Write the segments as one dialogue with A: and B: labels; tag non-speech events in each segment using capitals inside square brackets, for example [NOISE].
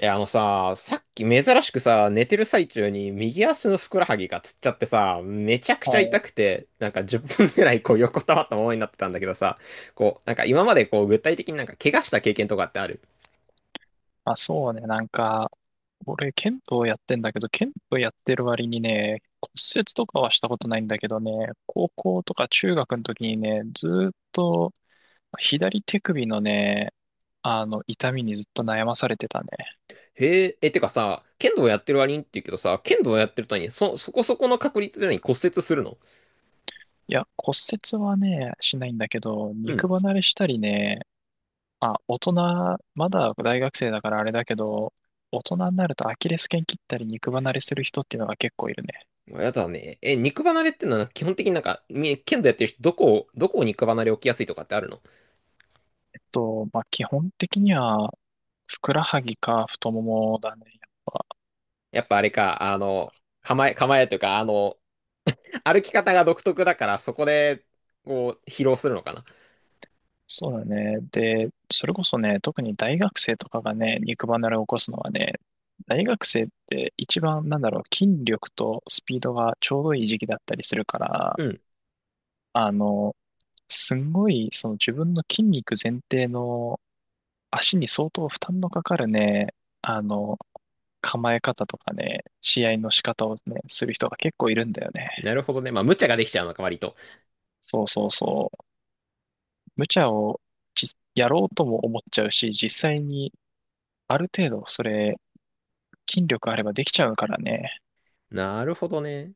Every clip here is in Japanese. A: いや、あのさ、さっき珍しくさ、寝てる最中に右足のふくらはぎがつっちゃってさ、めちゃく
B: は
A: ちゃ痛
B: い。
A: くて、なんか10分ぐらいこう横たわったままになってたんだけどさ、こう、なんか今までこう具体的になんか怪我した経験とかってある？
B: あ、そうね。なんか、俺、剣道やってんだけど、剣道やってる割にね、骨折とかはしたことないんだけどね、高校とか中学の時にね、ずーっと左手首のね、痛みにずっと悩まされてたね。
A: へえ、え、てかさ、剣道やってる割にって言うけどさ、剣道やってるとに、そこそこの確率で何骨折するの？
B: いや、骨折はね、しないんだけど、
A: うん。
B: 肉離れしたりね、あ、大人、まだ大学生だからあれだけど、大人になるとアキレス腱切ったり肉離れする人っていうのが結構いるね。
A: やだね。え、肉離れってのは基本的になんか、剣道やってる人、どこを肉離れ起きやすいとかってあるの？
B: まあ、基本的には、ふくらはぎか太ももだね。
A: やっぱあれか、あの、構えというか、あの、歩き方が独特だから、そこで、こう、疲労するのかな。
B: そうだね。で、それこそね、特に大学生とかがね、肉離れを起こすのはね、大学生って一番、なんだろう、筋力とスピードがちょうどいい時期だったりするから、
A: うん。
B: あの、すんごい、その自分の筋肉前提の足に相当負担のかかるね、あの、構え方とかね、試合の仕方をね、する人が結構いるんだよね。
A: なるほどね。まあ、無茶ができちゃうのか、割と。
B: そうそうそう。無茶をじやろうとも思っちゃうし、実際にある程度それ、筋力あればできちゃうからね。
A: なるほどね。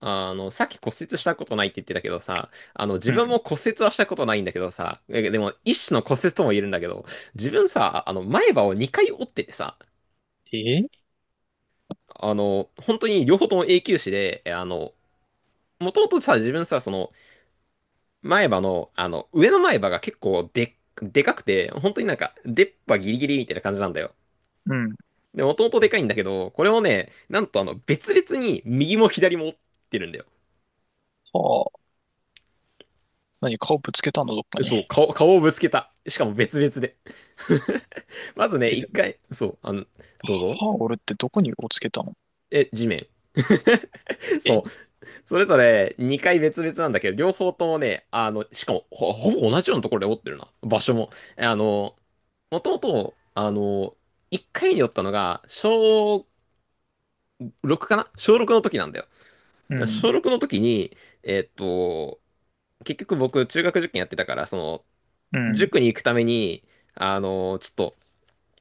A: あの、さっき骨折したことないって言ってたけどさ、あの、自
B: う
A: 分
B: ん。
A: も骨折はしたことないんだけどさ、でも、一種の骨折とも言えるんだけど、自分さ、あの、前歯を2回折っててさ、
B: え
A: あの、本当に両方とも永久歯で、あの、もともとさ、自分さ、その、前歯の、あの、上の前歯が結構でかくて、本当になんか、出っ歯ギリギリみたいな感じなんだよ。
B: うん。
A: で、もともとでかいんだけど、これもね、なんとあの、別々に右も左も折ってるんだよ。
B: はあ。何、顔ぶつけたのどっかに？
A: そう、顔をぶつけた。しかも別々で。[LAUGHS] まずね、
B: え、
A: 一
B: でも、
A: 回、そう、あの、どうぞ。
B: 歯を折るってどこにをつけたの？
A: え、地面。[LAUGHS] そ
B: え
A: う、それぞれ2回別々なんだけど、両方ともね、あの、しかもほぼ同じようなところで折ってるな。場所も。あの、もともと、あの、1回に折ったのが、小6かな小6の時なんだよ。
B: うん。
A: 小6の時に、えっと、結局僕、中学受験やってたから、その、
B: うん。
A: 塾に行くために、あの、ちょっと、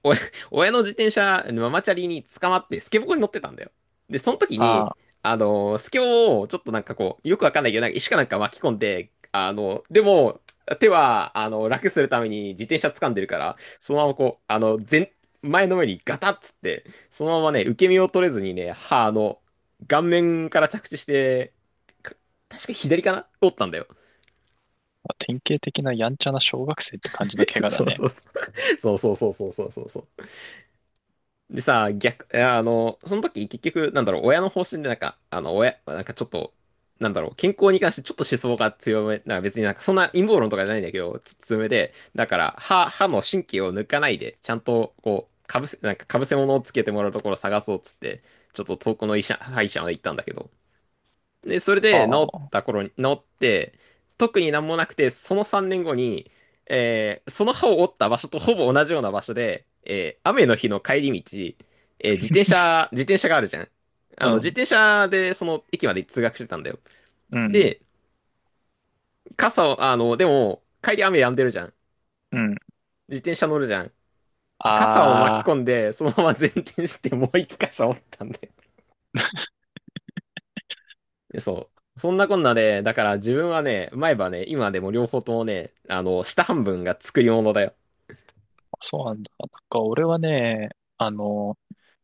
A: 親、[LAUGHS] 親の自転車、ママチャリに捕まって、スケボーに乗ってたんだよ。で、その時
B: あ
A: に、
B: あ。
A: あの、スケボーをちょっとなんかこう、よくわかんないけど、なんか石かなんか巻き込んで、あの、でも、手は、あの、楽するために自転車掴んでるから、そのままこう、あの、前の上にガタッつって、そのままね、受け身を取れずにね、歯、あの、顔面から着地して、か確か左かな折ったんだよ。
B: 典型的なやんちゃな小学生って感じの怪
A: [LAUGHS]
B: 我
A: そ
B: だ
A: う
B: ね。
A: そうそう。そうそうそうそうそうそうそう。でさ、逆、いやあの、その時結局、なんだろう、親の方針でなんか、あの、親、なんかちょっと、なんだろう、健康に関してちょっと思想が強め、なんか別になんかそんな陰謀論とかじゃないんだけど、ちょっと強めで、だから、歯の神経を抜かないで、ちゃんと、こう、かぶせ、なんかかぶせ物をつけてもらうところを探そうっつって、ちょっと遠くの歯医者まで行ったんだけど、で、それ
B: あ
A: で治った
B: あ。
A: 頃に、治って、特になんもなくて、その3年後に、その歯を折った場所とほぼ同じような場所で、雨の日の帰り道、自転車があるじゃん。
B: う
A: あの、自
B: ん。
A: 転車でその駅まで通学してたんだよ。
B: うん。
A: で、傘を、あの、でも、帰り雨止んでるじゃん。
B: うん。
A: 自転車乗るじゃん。傘を巻き
B: ああ。
A: 込んで、そのまま前転してもう一箇所折ったんだよ。でそう。そんなこんなで、だから自分はね、前歯ね、今でも両方ともね、あの、下半分が作り物だよ。
B: そうなんだ。なんか俺はね、あの、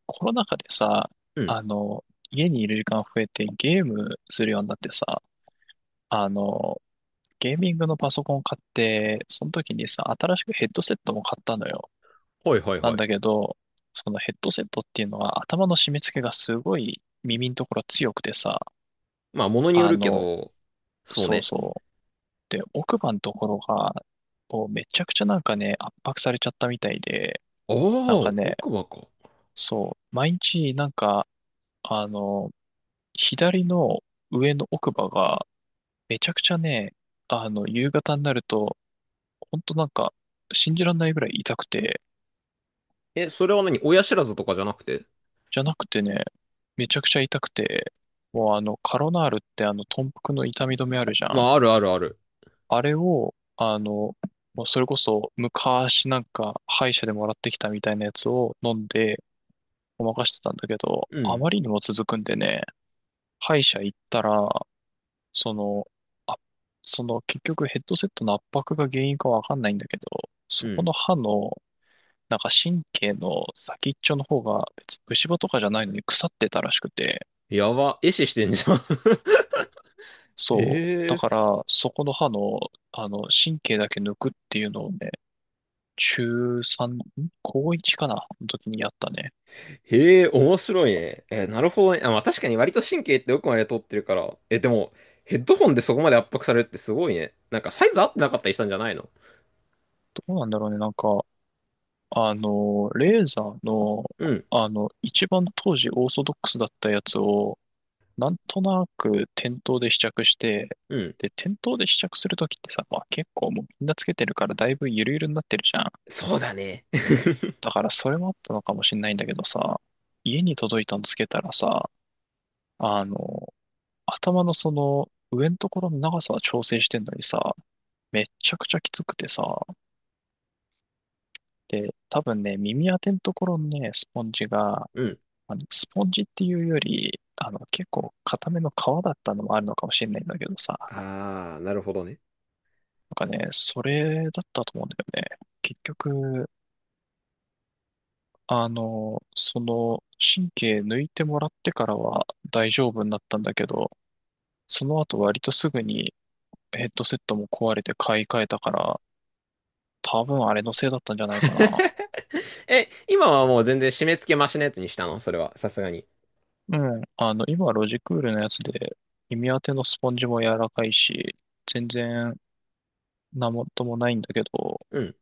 B: コロナ禍でさ、
A: うん。
B: あの、家にいる時間増えてゲームするようになってさ、あの、ゲーミングのパソコンを買って、その時にさ、新しくヘッドセットも買ったのよ。
A: はいはい
B: なん
A: はい。
B: だけど、そのヘッドセットっていうのは頭の締め付けがすごい耳のところ強くてさ、
A: まあ、物によ
B: あ
A: るけ
B: の、
A: ど、そう
B: そう
A: ね。
B: そう。で、奥歯のところが、こうめちゃくちゃなんかね、圧迫されちゃったみたいで、
A: ああ、
B: なんかね、
A: 奥歯か。
B: そう、毎日なんか、あの、左の上の奥歯が、めちゃくちゃね、夕方になると、ほんとなんか、信じらんないぐらい痛くて、
A: え、それは何親知らずとかじゃなくて？
B: じゃなくてね、めちゃくちゃ痛くて、もうカロナールって豚腹の痛み止めあるじゃ
A: ま
B: ん。
A: あ、あるあるある。
B: あれを、もうそれこそ昔なんか歯医者でもらってきたみたいなやつを飲んでごまかしてたんだけど、
A: う
B: あ
A: ん。
B: まりにも続くんでね、歯医者行ったら、その、あ、その結局ヘッドセットの圧迫が原因かわかんないんだけど、
A: う
B: そこ
A: ん。
B: の歯の、なんか神経の先っちょの方が別に虫歯とかじゃないのに腐ってたらしくて、
A: やば。壊死してんじゃん。[LAUGHS]
B: そう。
A: え
B: だ
A: え
B: か
A: す。
B: ら、そこの歯の、神経だけ抜くっていうのをね、中3、高1かなの時にやったね。
A: へえ、面白いね。え、なるほどね。あ、まあ確かに割と神経って奥まで通ってるから。え、でも、ヘッドホンでそこまで圧迫されるってすごいね。なんかサイズ合ってなかったりしたんじゃないの？
B: どうなんだろうね、なんか、レーザーの、
A: うん。
B: 一番当時オーソドックスだったやつを、なんとなく店頭で試着して、
A: うん。
B: で、店頭で試着するときってさ、まあ結構もうみんなつけてるからだいぶゆるゆるになってるじゃん。
A: そうだね。[LAUGHS]
B: だからそれもあったのかもしれないんだけどさ、家に届いたのつけたらさ、あの、頭のその上のところの長さは調整してんのにさ、めっちゃくちゃきつくてさ、で、多分ね、耳当てのところのね、スポンジが、
A: うん。
B: スポンジっていうより、結構硬めの皮だったのもあるのかもしれないんだけどさ、
A: あー、なるほどね。
B: なんかね、それだったと思うんだよね。結局、その、神経抜いてもらってからは大丈夫になったんだけど、その後割とすぐにヘッドセットも壊れて買い替えたから、多分あれのせいだったんじゃないか
A: [LAUGHS] え、今はもう全然締め付けマシなやつにしたのそれは、さすがに？
B: な。うん。今ロジクールのやつで、耳当てのスポンジも柔らかいし、全然なもともないんだけど、
A: うん。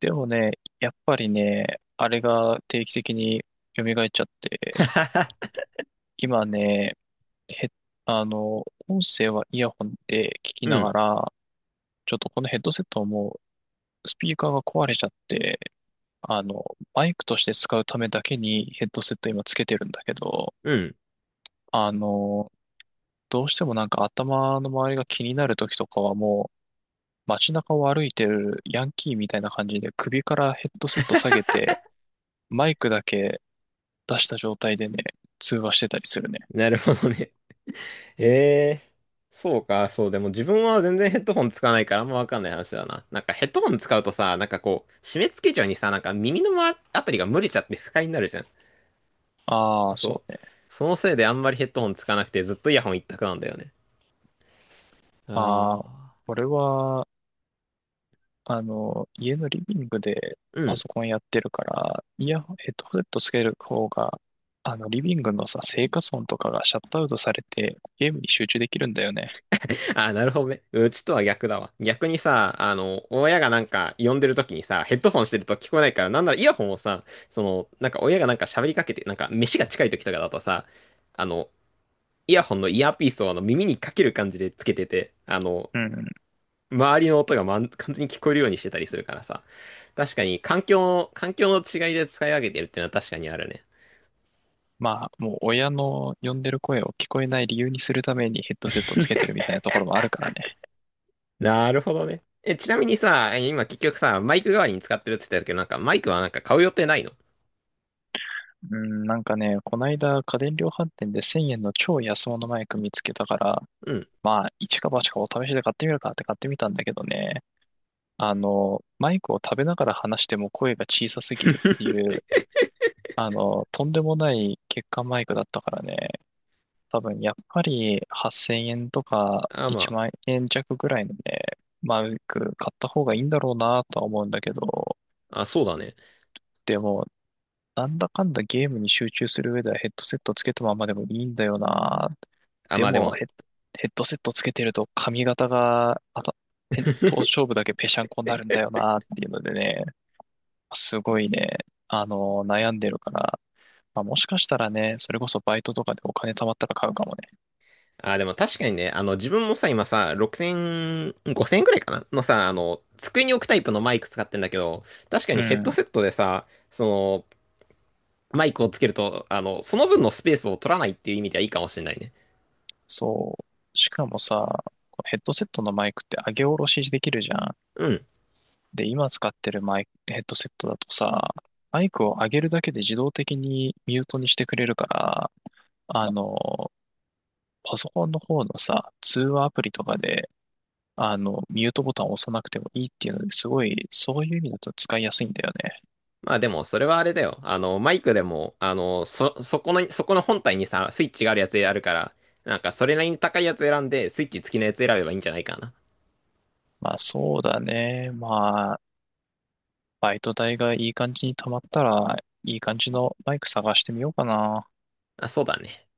B: でもね、やっぱりね、あれが定期的に蘇っちゃって、
A: [LAUGHS]
B: 今ね、へ、音声はイヤホンで聞き
A: う
B: な
A: ん。
B: がら、ちょっとこのヘッドセットはもうスピーカーが壊れちゃって、あの、マイクとして使うためだけにヘッドセット今つけてるんだけど、
A: [LAUGHS] うん。
B: あの、どうしてもなんか頭の周りが気になる時とかはもう街中を歩いてるヤンキーみたいな感じで首からヘッドセット下げて、マイクだけ出した状態でね、通話してたりするね。
A: なるほどね。[LAUGHS] ええそうか、そう。でも自分は全然ヘッドホン使わないからあんまわかんない話だな。なんかヘッドホン使うとさ、なんかこう、締め付けちゃうにさ、なんか耳のまあたりが蒸れちゃって不快になるじゃん。
B: ああ、そ
A: そ
B: う
A: う。
B: ね。
A: そのせいであんまりヘッドホンつかなくてずっとイヤホン一択なんだよね。
B: まあ、
A: ああ
B: これは、家のリビングで
A: う
B: パ
A: ん。
B: ソコンやってるから、イヤホン、ヘッドホンつける方が、リビングのさ、生活音とかがシャットアウトされて、ゲームに集中できるんだよね。
A: [LAUGHS] あ、なるほどね。うちとは逆だわ。逆にさ、あの、親がなんか呼んでる時にさ、ヘッドホンしてると聞こえないから、なんならイヤホンをさ、その、なんか親がなんか喋りかけて、なんか飯が近い時とかだとさ、あの、イヤホンのイヤーピースをあの耳にかける感じでつけてて、あの、
B: うん。
A: 周りの音が、完全に聞こえるようにしてたりするからさ。確かに環境の違いで使い分けてるっていうのは確かにあるね。
B: まあ、もう親の呼んでる声を聞こえない理由にするためにヘッドセットつけてるみたいなところもあるからね。
A: なるほどね。え、ちなみにさ、今結局さ、マイク代わりに使ってるって言ってたけど、なんかマイクはなんか買う予定ないの？
B: うん、なんかね、こないだ家電量販店で1000円の超安物マイク見つけたから、
A: うん。
B: まあ、一か八かお試しで買ってみるかって買ってみたんだけどね、マイクを食べながら話しても声が小さすぎるっていう、とんでもない欠陥マイクだったからね、多分やっぱり8000円とか
A: あ、
B: 1
A: ま
B: 万円弱ぐらいのね、マイク買った方がいいんだろうなとは思うんだけど、
A: あ、あ、そうだね。
B: でも、なんだかんだゲームに集中する上ではヘッドセットつけたままでもいいんだよな。
A: あ、
B: で
A: まあで
B: も
A: も
B: ヘッドセットつけてると髪型が、頭
A: [LAUGHS]
B: 頂部だけぺしゃんこになるんだよなっていうのでね、すごいね、悩んでるから、まあ、もしかしたらね、それこそバイトとかでお金貯まったら買うかもね。
A: あ、でも確かにね、あの、自分もさ、今さ、6000、5000くらいかなのさ、あの、机に置くタイプのマイク使ってんだけど、確か
B: う
A: にヘッド
B: ん。
A: セットでさ、その、マイクをつけると、あの、その分のスペースを取らないっていう意味ではいいかもしれないね。
B: そう。しかもさ、ヘッドセットのマイクって上げ下ろしできるじゃん。
A: うん。
B: で、今使ってるマイク、ヘッドセットだとさ、マイクを上げるだけで自動的にミュートにしてくれるから、あの、パソコンの方のさ、通話アプリとかで、ミュートボタンを押さなくてもいいっていうので、すごい、そういう意味だと使いやすいんだよね。
A: まあでも、それはあれだよ。あの、マイクでも、あの、そこの本体にさ、スイッチがあるやつあるから、なんか、それなりに高いやつ選んで、スイッチ付きのやつ選べばいいんじゃないかな。
B: まあそうだね。バイト代がいい感じに貯まったら、いい感じのバイク探してみようかな。
A: あ、そうだね。